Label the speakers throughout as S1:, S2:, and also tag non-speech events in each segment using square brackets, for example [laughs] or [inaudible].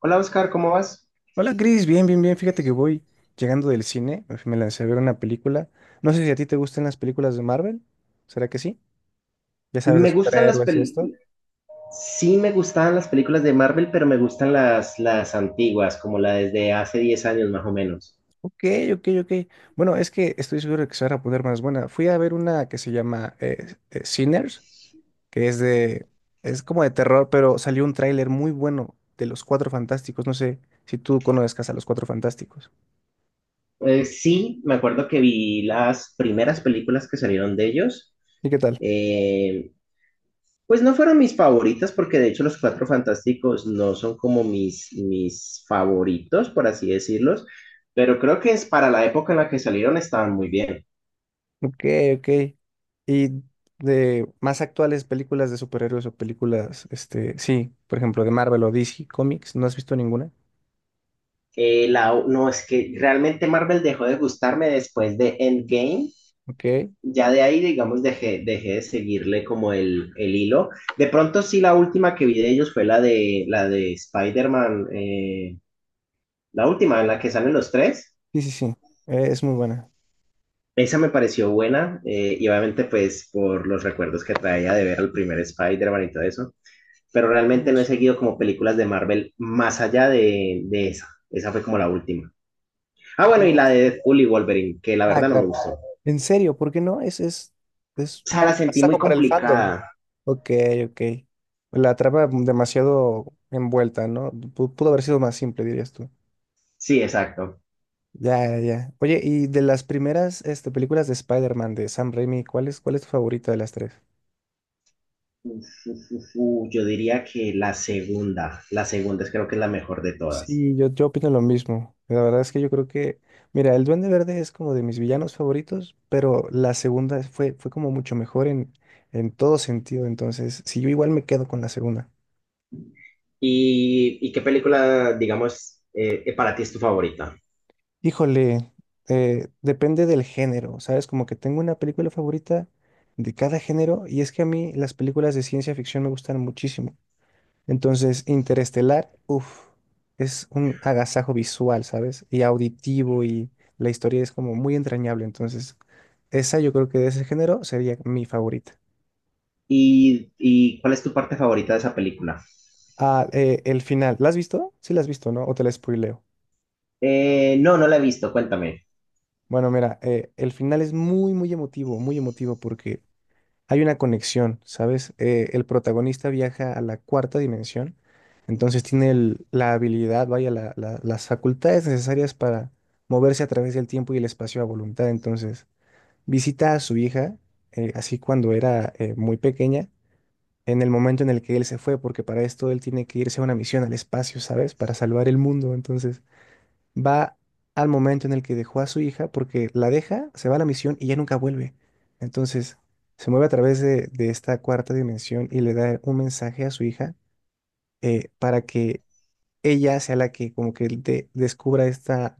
S1: Hola Oscar, ¿cómo vas?
S2: Hola Cris, bien, bien, bien. Fíjate que voy llegando del cine, me lancé a ver una película. No sé si a ti te gustan las películas de Marvel. ¿Será que sí? Ya sabes, de
S1: Me gustan las
S2: superhéroes y
S1: pel...
S2: esto.
S1: Sí me gustaban las películas de Marvel, pero me gustan las antiguas, como la desde hace 10 años más o menos.
S2: Ok, ok, ok. Bueno, es que estoy seguro de que se van a poner más buena. Fui a ver una que se llama Sinners, que es de, es como de terror, pero salió un tráiler muy bueno de Los Cuatro Fantásticos. No sé si tú conozcas a Los Cuatro Fantásticos.
S1: Sí, me acuerdo que vi las primeras películas que salieron de ellos.
S2: ¿Y qué tal?
S1: Eh, pues no fueron mis favoritas, porque de hecho Los Cuatro Fantásticos no son como mis favoritos, por así decirlos, pero creo que es para la época en la que salieron estaban muy bien.
S2: Ok, ok. Y de más actuales películas de superhéroes o películas, este, sí, por ejemplo, de Marvel o DC Comics, ¿no has visto ninguna?
S1: No, es que realmente Marvel dejó de gustarme después de Endgame.
S2: Ok.
S1: Ya de ahí, digamos, dejé de seguirle como el hilo. De pronto sí, la última que vi de ellos fue la de Spider-Man, la última en la que salen los tres.
S2: Sí, sí, sí, es muy buena.
S1: Esa me pareció buena, y obviamente pues por los recuerdos que traía de ver al primer Spider-Man y todo eso. Pero realmente no he
S2: Sí.
S1: seguido como películas de Marvel más allá de esa. Esa fue como la última. Ah, bueno, y la de Deadpool y Wolverine, que la
S2: Ah,
S1: verdad no me
S2: claro.
S1: gustó.
S2: En serio, ¿por qué no? Es
S1: Sea, la
S2: un
S1: sentí
S2: pasaje
S1: muy
S2: para el fandom.
S1: complicada.
S2: Ok, ok. La trama demasiado envuelta, ¿no? Pudo haber sido más simple, dirías tú.
S1: Sí, exacto.
S2: Ya, ya, ya. Oye, y de las primeras este, películas de Spider-Man de Sam Raimi, ¿cuál es tu favorita de las tres?
S1: Uf, yo diría que la segunda es creo que es la mejor de todas.
S2: Sí, yo opino lo mismo. La verdad es que yo creo que, mira, el Duende Verde es como de mis villanos favoritos, pero fue como mucho mejor en todo sentido. Entonces, si yo igual me quedo con la segunda.
S1: Y qué película, digamos, para ti es tu favorita?
S2: Híjole, depende del género, ¿sabes? Como que tengo una película favorita de cada género, y es que a mí las películas de ciencia ficción me gustan muchísimo. Entonces, Interestelar, uff, es un agasajo visual, ¿sabes? Y auditivo, y la historia es como muy entrañable. Entonces, esa yo creo que de ese género sería mi favorita.
S1: Y cuál es tu parte favorita de esa película?
S2: Ah, el final, ¿la has visto? Sí, la has visto, ¿no? O te la spoileo.
S1: No la he visto, cuéntame.
S2: Bueno, mira, el final es muy, muy emotivo, muy emotivo, porque hay una conexión, ¿sabes? El protagonista viaja a la cuarta dimensión, entonces tiene la habilidad, vaya, las facultades necesarias para moverse a través del tiempo y el espacio a voluntad. Entonces, visita a su hija, así cuando era muy pequeña, en el momento en el que él se fue, porque para esto él tiene que irse a una misión al espacio, ¿sabes? Para salvar el mundo. Entonces, va al momento en el que dejó a su hija, porque la deja, se va a la misión y ya nunca vuelve. Entonces, se mueve a través de esta cuarta dimensión y le da un mensaje a su hija para que ella sea la que como que descubra esta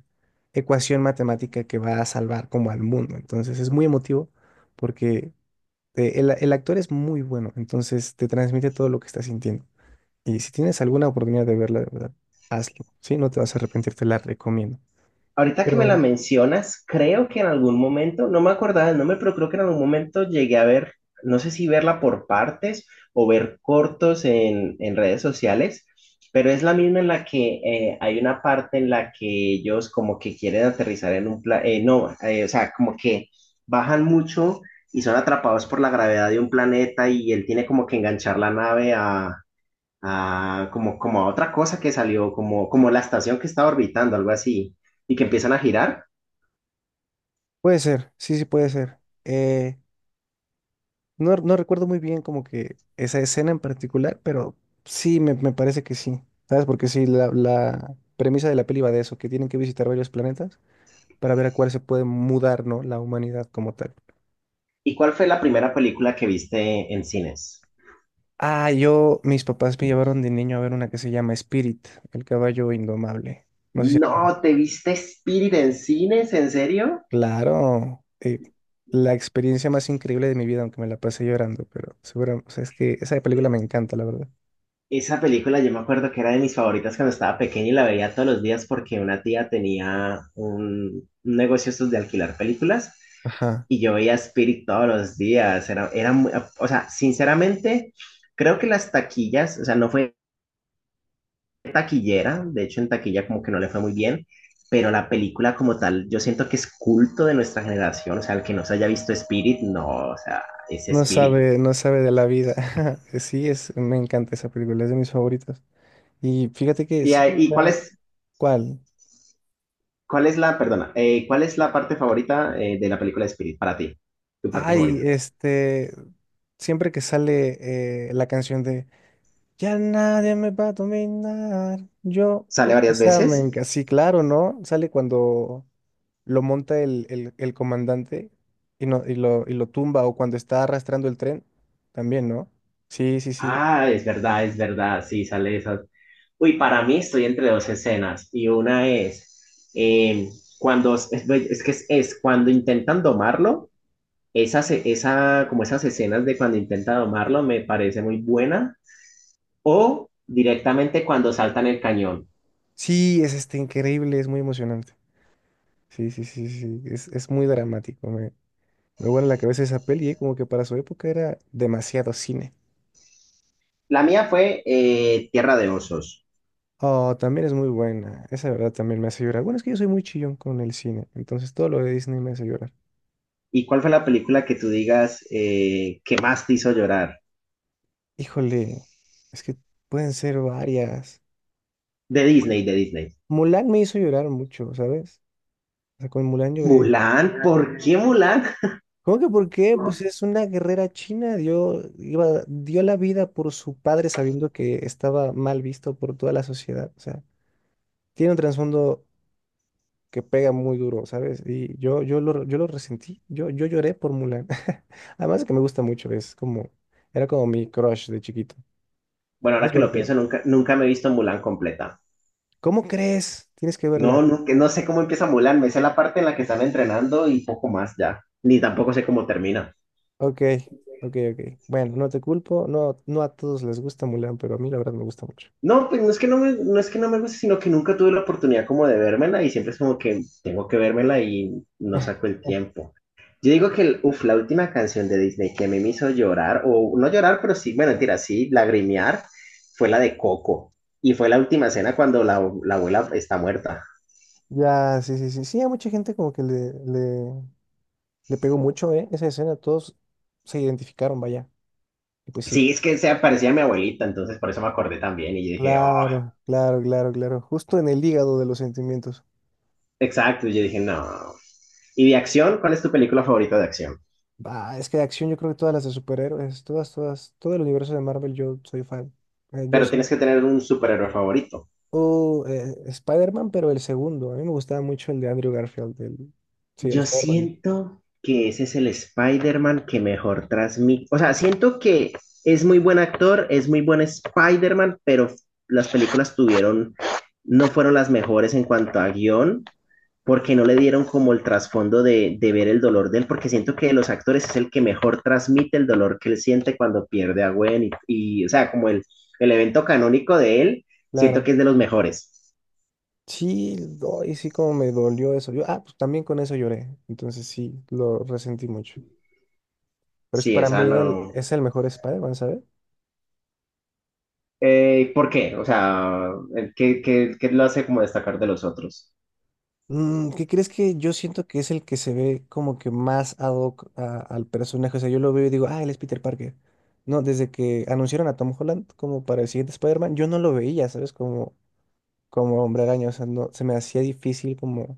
S2: ecuación matemática que va a salvar como al mundo. Entonces, es muy emotivo porque el actor es muy bueno, entonces te transmite todo lo que está sintiendo. Y si tienes alguna oportunidad de verla, de verdad, hazlo, ¿sí? No te vas a arrepentir, te la recomiendo.
S1: Ahorita que me
S2: Pero
S1: la mencionas, creo que en algún momento, no me acordaba del nombre, pero creo que en algún momento llegué a ver, no sé si verla por partes o ver cortos en redes sociales, pero es la misma en la que hay una parte en la que ellos como que quieren aterrizar en un planeta, no, o sea, como que bajan mucho y son atrapados por la gravedad de un planeta y él tiene como que enganchar la nave. Ah, como a otra cosa que salió, como la estación que estaba orbitando, algo así, y que empiezan a girar.
S2: puede ser, sí, sí, puede ser. Eh, no, no recuerdo muy bien como que esa escena en particular, pero sí, me parece que sí. ¿Sabes? Porque sí, la premisa de la peli va de eso, que tienen que visitar varios planetas para ver a cuál se puede mudar, ¿no? La humanidad como tal.
S1: ¿Y cuál fue la primera película que viste en cines?
S2: Ah, yo, mis papás me llevaron de niño a ver una que se llama Spirit, el caballo indomable. No sé si la conoces.
S1: No, ¿te viste Spirit en cines? ¿En serio?
S2: Claro, la experiencia más increíble de mi vida, aunque me la pasé llorando, pero seguro, o sea, es que esa película me encanta, la verdad.
S1: Esa película yo me acuerdo que era de mis favoritas cuando estaba pequeña y la veía todos los días porque una tía tenía un negocio estos de alquilar películas
S2: Ajá.
S1: y yo veía Spirit todos los días. Era muy, o sea, sinceramente, creo que las taquillas, o sea, no fue taquillera, de hecho en taquilla como que no le fue muy bien, pero la película como tal, yo siento que es culto de nuestra generación, o sea, el que no se haya visto Spirit, no, o sea, es
S2: No
S1: Spirit.
S2: sabe, no sabe de la vida. [laughs] Sí, es, me encanta esa película, es de mis favoritas. Y fíjate que
S1: ¿Y,
S2: sí,
S1: ah, y
S2: ya- ¿cuál?
S1: cuál es la, perdona, cuál es la parte favorita, de la película de Spirit para ti? ¿Tu parte
S2: Ay,
S1: favorita?
S2: este, siempre que sale la canción de Ya nadie me va a dominar, yo,
S1: ¿Sale
S2: pues,
S1: varias
S2: esa me
S1: veces?
S2: encanta. Sí, claro, ¿no? Sale cuando lo monta el comandante y, no, y lo tumba, o cuando está arrastrando el tren, también, ¿no? Sí, sí, sí.
S1: Ah, es verdad, sí, sale esa. Uy, para mí estoy entre dos escenas y una es, cuando, es que es cuando intentan domarlo. Como esas escenas de cuando intenta domarlo me parece muy buena. O directamente cuando saltan el cañón.
S2: Sí, es este increíble, es muy emocionante. Sí, sí, sí, sí, sí. Es muy dramático. Me vuela la cabeza esa peli, como que para su época era demasiado cine.
S1: La mía fue, Tierra de Osos.
S2: Oh, también es muy buena. Esa de verdad también me hace llorar. Bueno, es que yo soy muy chillón con el cine. Entonces todo lo de Disney me hace llorar.
S1: ¿Y cuál fue la película que tú digas, que más te hizo llorar?
S2: Híjole, es que pueden ser varias.
S1: De Disney, de Disney.
S2: Mulan me hizo llorar mucho, ¿sabes? O sea, con Mulan lloré.
S1: Mulan, ¿por qué Mulan?
S2: ¿Cómo que por qué? Pues es una guerrera china. Dio, iba, dio la vida por su padre sabiendo que estaba mal visto por toda la sociedad. O sea, tiene un trasfondo que pega muy duro, ¿sabes? Yo lo resentí, yo lloré por Mulan. [laughs] Además de que me gusta mucho, es como, era como mi crush de chiquito.
S1: Bueno, ahora
S2: ¿Sabes
S1: que
S2: por
S1: lo
S2: qué?
S1: pienso, nunca me he visto Mulan completa.
S2: ¿Cómo crees? Tienes que verla.
S1: No, no, que no sé cómo empieza Mulan, me sé la parte en la que están entrenando y poco más ya. Ni tampoco sé cómo termina.
S2: Ok, ok, ok. Bueno, no te culpo, no, no a todos les gusta Mulan, pero a mí la verdad me gusta mucho.
S1: No, pues no es que no me guste, sino que nunca tuve la oportunidad como de vérmela y siempre es como que tengo que vérmela y no saco el
S2: [laughs]
S1: tiempo. Yo digo que, el- uf, la última canción de Disney que a mí me hizo llorar, o no llorar, pero sí, bueno, mentira, sí, lagrimear, fue la de Coco. Y fue la última escena cuando la abuela está muerta.
S2: Ya, sí, sí, sí. Sí, a mucha gente como que le pegó mucho, ¿eh? Esa escena, todos se identificaron, vaya. Y pues sí.
S1: Sí, es que se parecía a mi abuelita, entonces por eso me acordé también. Y yo dije, oh,
S2: Claro, claro, claro, claro. Justo en el hígado de los sentimientos.
S1: exacto. Y yo dije, no. ¿Y de acción? ¿Cuál es tu película favorita de acción?
S2: Bah, es que de acción yo creo que todas las de superhéroes, todas, todas, todo el universo de Marvel yo soy fan. Yo
S1: Pero
S2: sí.
S1: tienes que tener un superhéroe favorito.
S2: O Spider-Man, pero el segundo. A mí me gustaba mucho el de Andrew Garfield. El... Sí, el
S1: Yo
S2: Spider-Man.
S1: siento que ese es el Spider-Man que mejor transmite. O sea, siento que es muy buen actor, es muy buen Spider-Man, pero las películas tuvieron, no fueron las mejores en cuanto a guión, porque no le dieron como el trasfondo de ver el dolor de él, porque siento que de los actores es el que mejor transmite el dolor que él siente cuando pierde a Gwen o sea, como el evento canónico de él, siento
S2: Claro.
S1: que es de los mejores.
S2: Sí, y sí como me dolió eso. Yo, ah, pues también con eso lloré. Entonces sí, lo resentí mucho. Pero es que
S1: Sí,
S2: para
S1: esa
S2: mí él
S1: no.
S2: es el mejor Spider-Man, ¿sabes?
S1: ¿Por qué? O sea, ¿ qué lo hace como destacar de los otros?
S2: Mm, ¿qué crees? Que yo siento que es el que se ve como que más ad hoc al personaje. O sea, yo lo veo y digo, ah, él es Peter Parker. No, desde que anunciaron a Tom Holland como para el siguiente Spider-Man, yo no lo veía, ¿sabes? Como, como Hombre Araña, o sea, no, se me hacía difícil como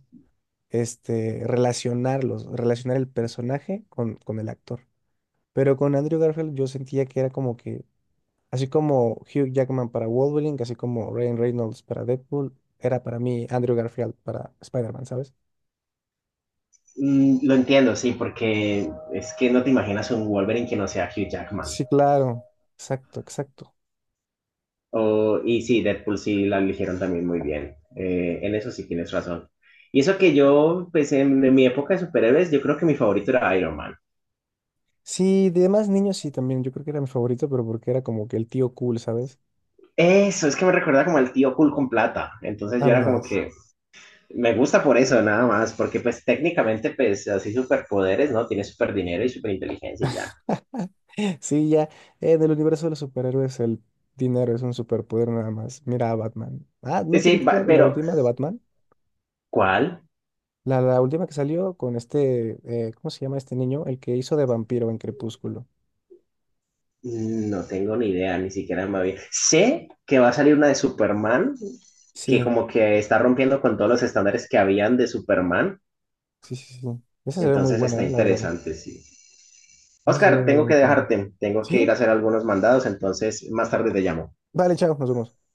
S2: este, relacionarlos, relacionar el personaje con el actor. Pero con Andrew Garfield yo sentía que era como que, así como Hugh Jackman para Wolverine, así como Ryan Reynolds para Deadpool, era para mí Andrew Garfield para Spider-Man, ¿sabes?
S1: Mm, lo entiendo, sí, porque es que no te imaginas un Wolverine que no sea Hugh Jackman.
S2: Sí, claro, exacto, exacto.
S1: O- y sí, Deadpool sí la eligieron también muy bien. En eso sí tienes razón. Y eso que yo, pues en mi época de superhéroes, yo creo que mi favorito era Iron Man.
S2: Sí, de demás niños sí también, yo creo que era mi favorito, pero porque era como que el tío cool, ¿sabes?
S1: Eso, es que me recuerda como al tío cool con plata. Entonces yo era como
S2: Andas. [laughs]
S1: que me gusta por eso, nada más, porque pues técnicamente, pues así superpoderes, ¿no? Tiene super dinero y super inteligencia y ya.
S2: Sí, ya, en el universo de los superhéroes el dinero es un superpoder nada más. Mira a Batman. Ah, ¿no te
S1: Sí,
S2: viste la
S1: pero
S2: última de Batman?
S1: ¿cuál?
S2: La última que salió con este, ¿cómo se llama este niño? El que hizo de vampiro en Crepúsculo.
S1: No tengo ni idea, ni siquiera me había... Sé que va a salir una de Superman, que
S2: Sí,
S1: como que está rompiendo con todos los estándares que habían de Superman,
S2: sí, sí, sí. Esa se ve muy
S1: entonces
S2: buena,
S1: está
S2: la verdad.
S1: interesante, sí.
S2: Esa se ve
S1: Oscar, tengo
S2: muy
S1: que
S2: padre.
S1: dejarte, tengo que ir
S2: ¿Sí?
S1: a hacer algunos mandados, entonces más tarde te llamo.
S2: Vale, chao, nos vemos.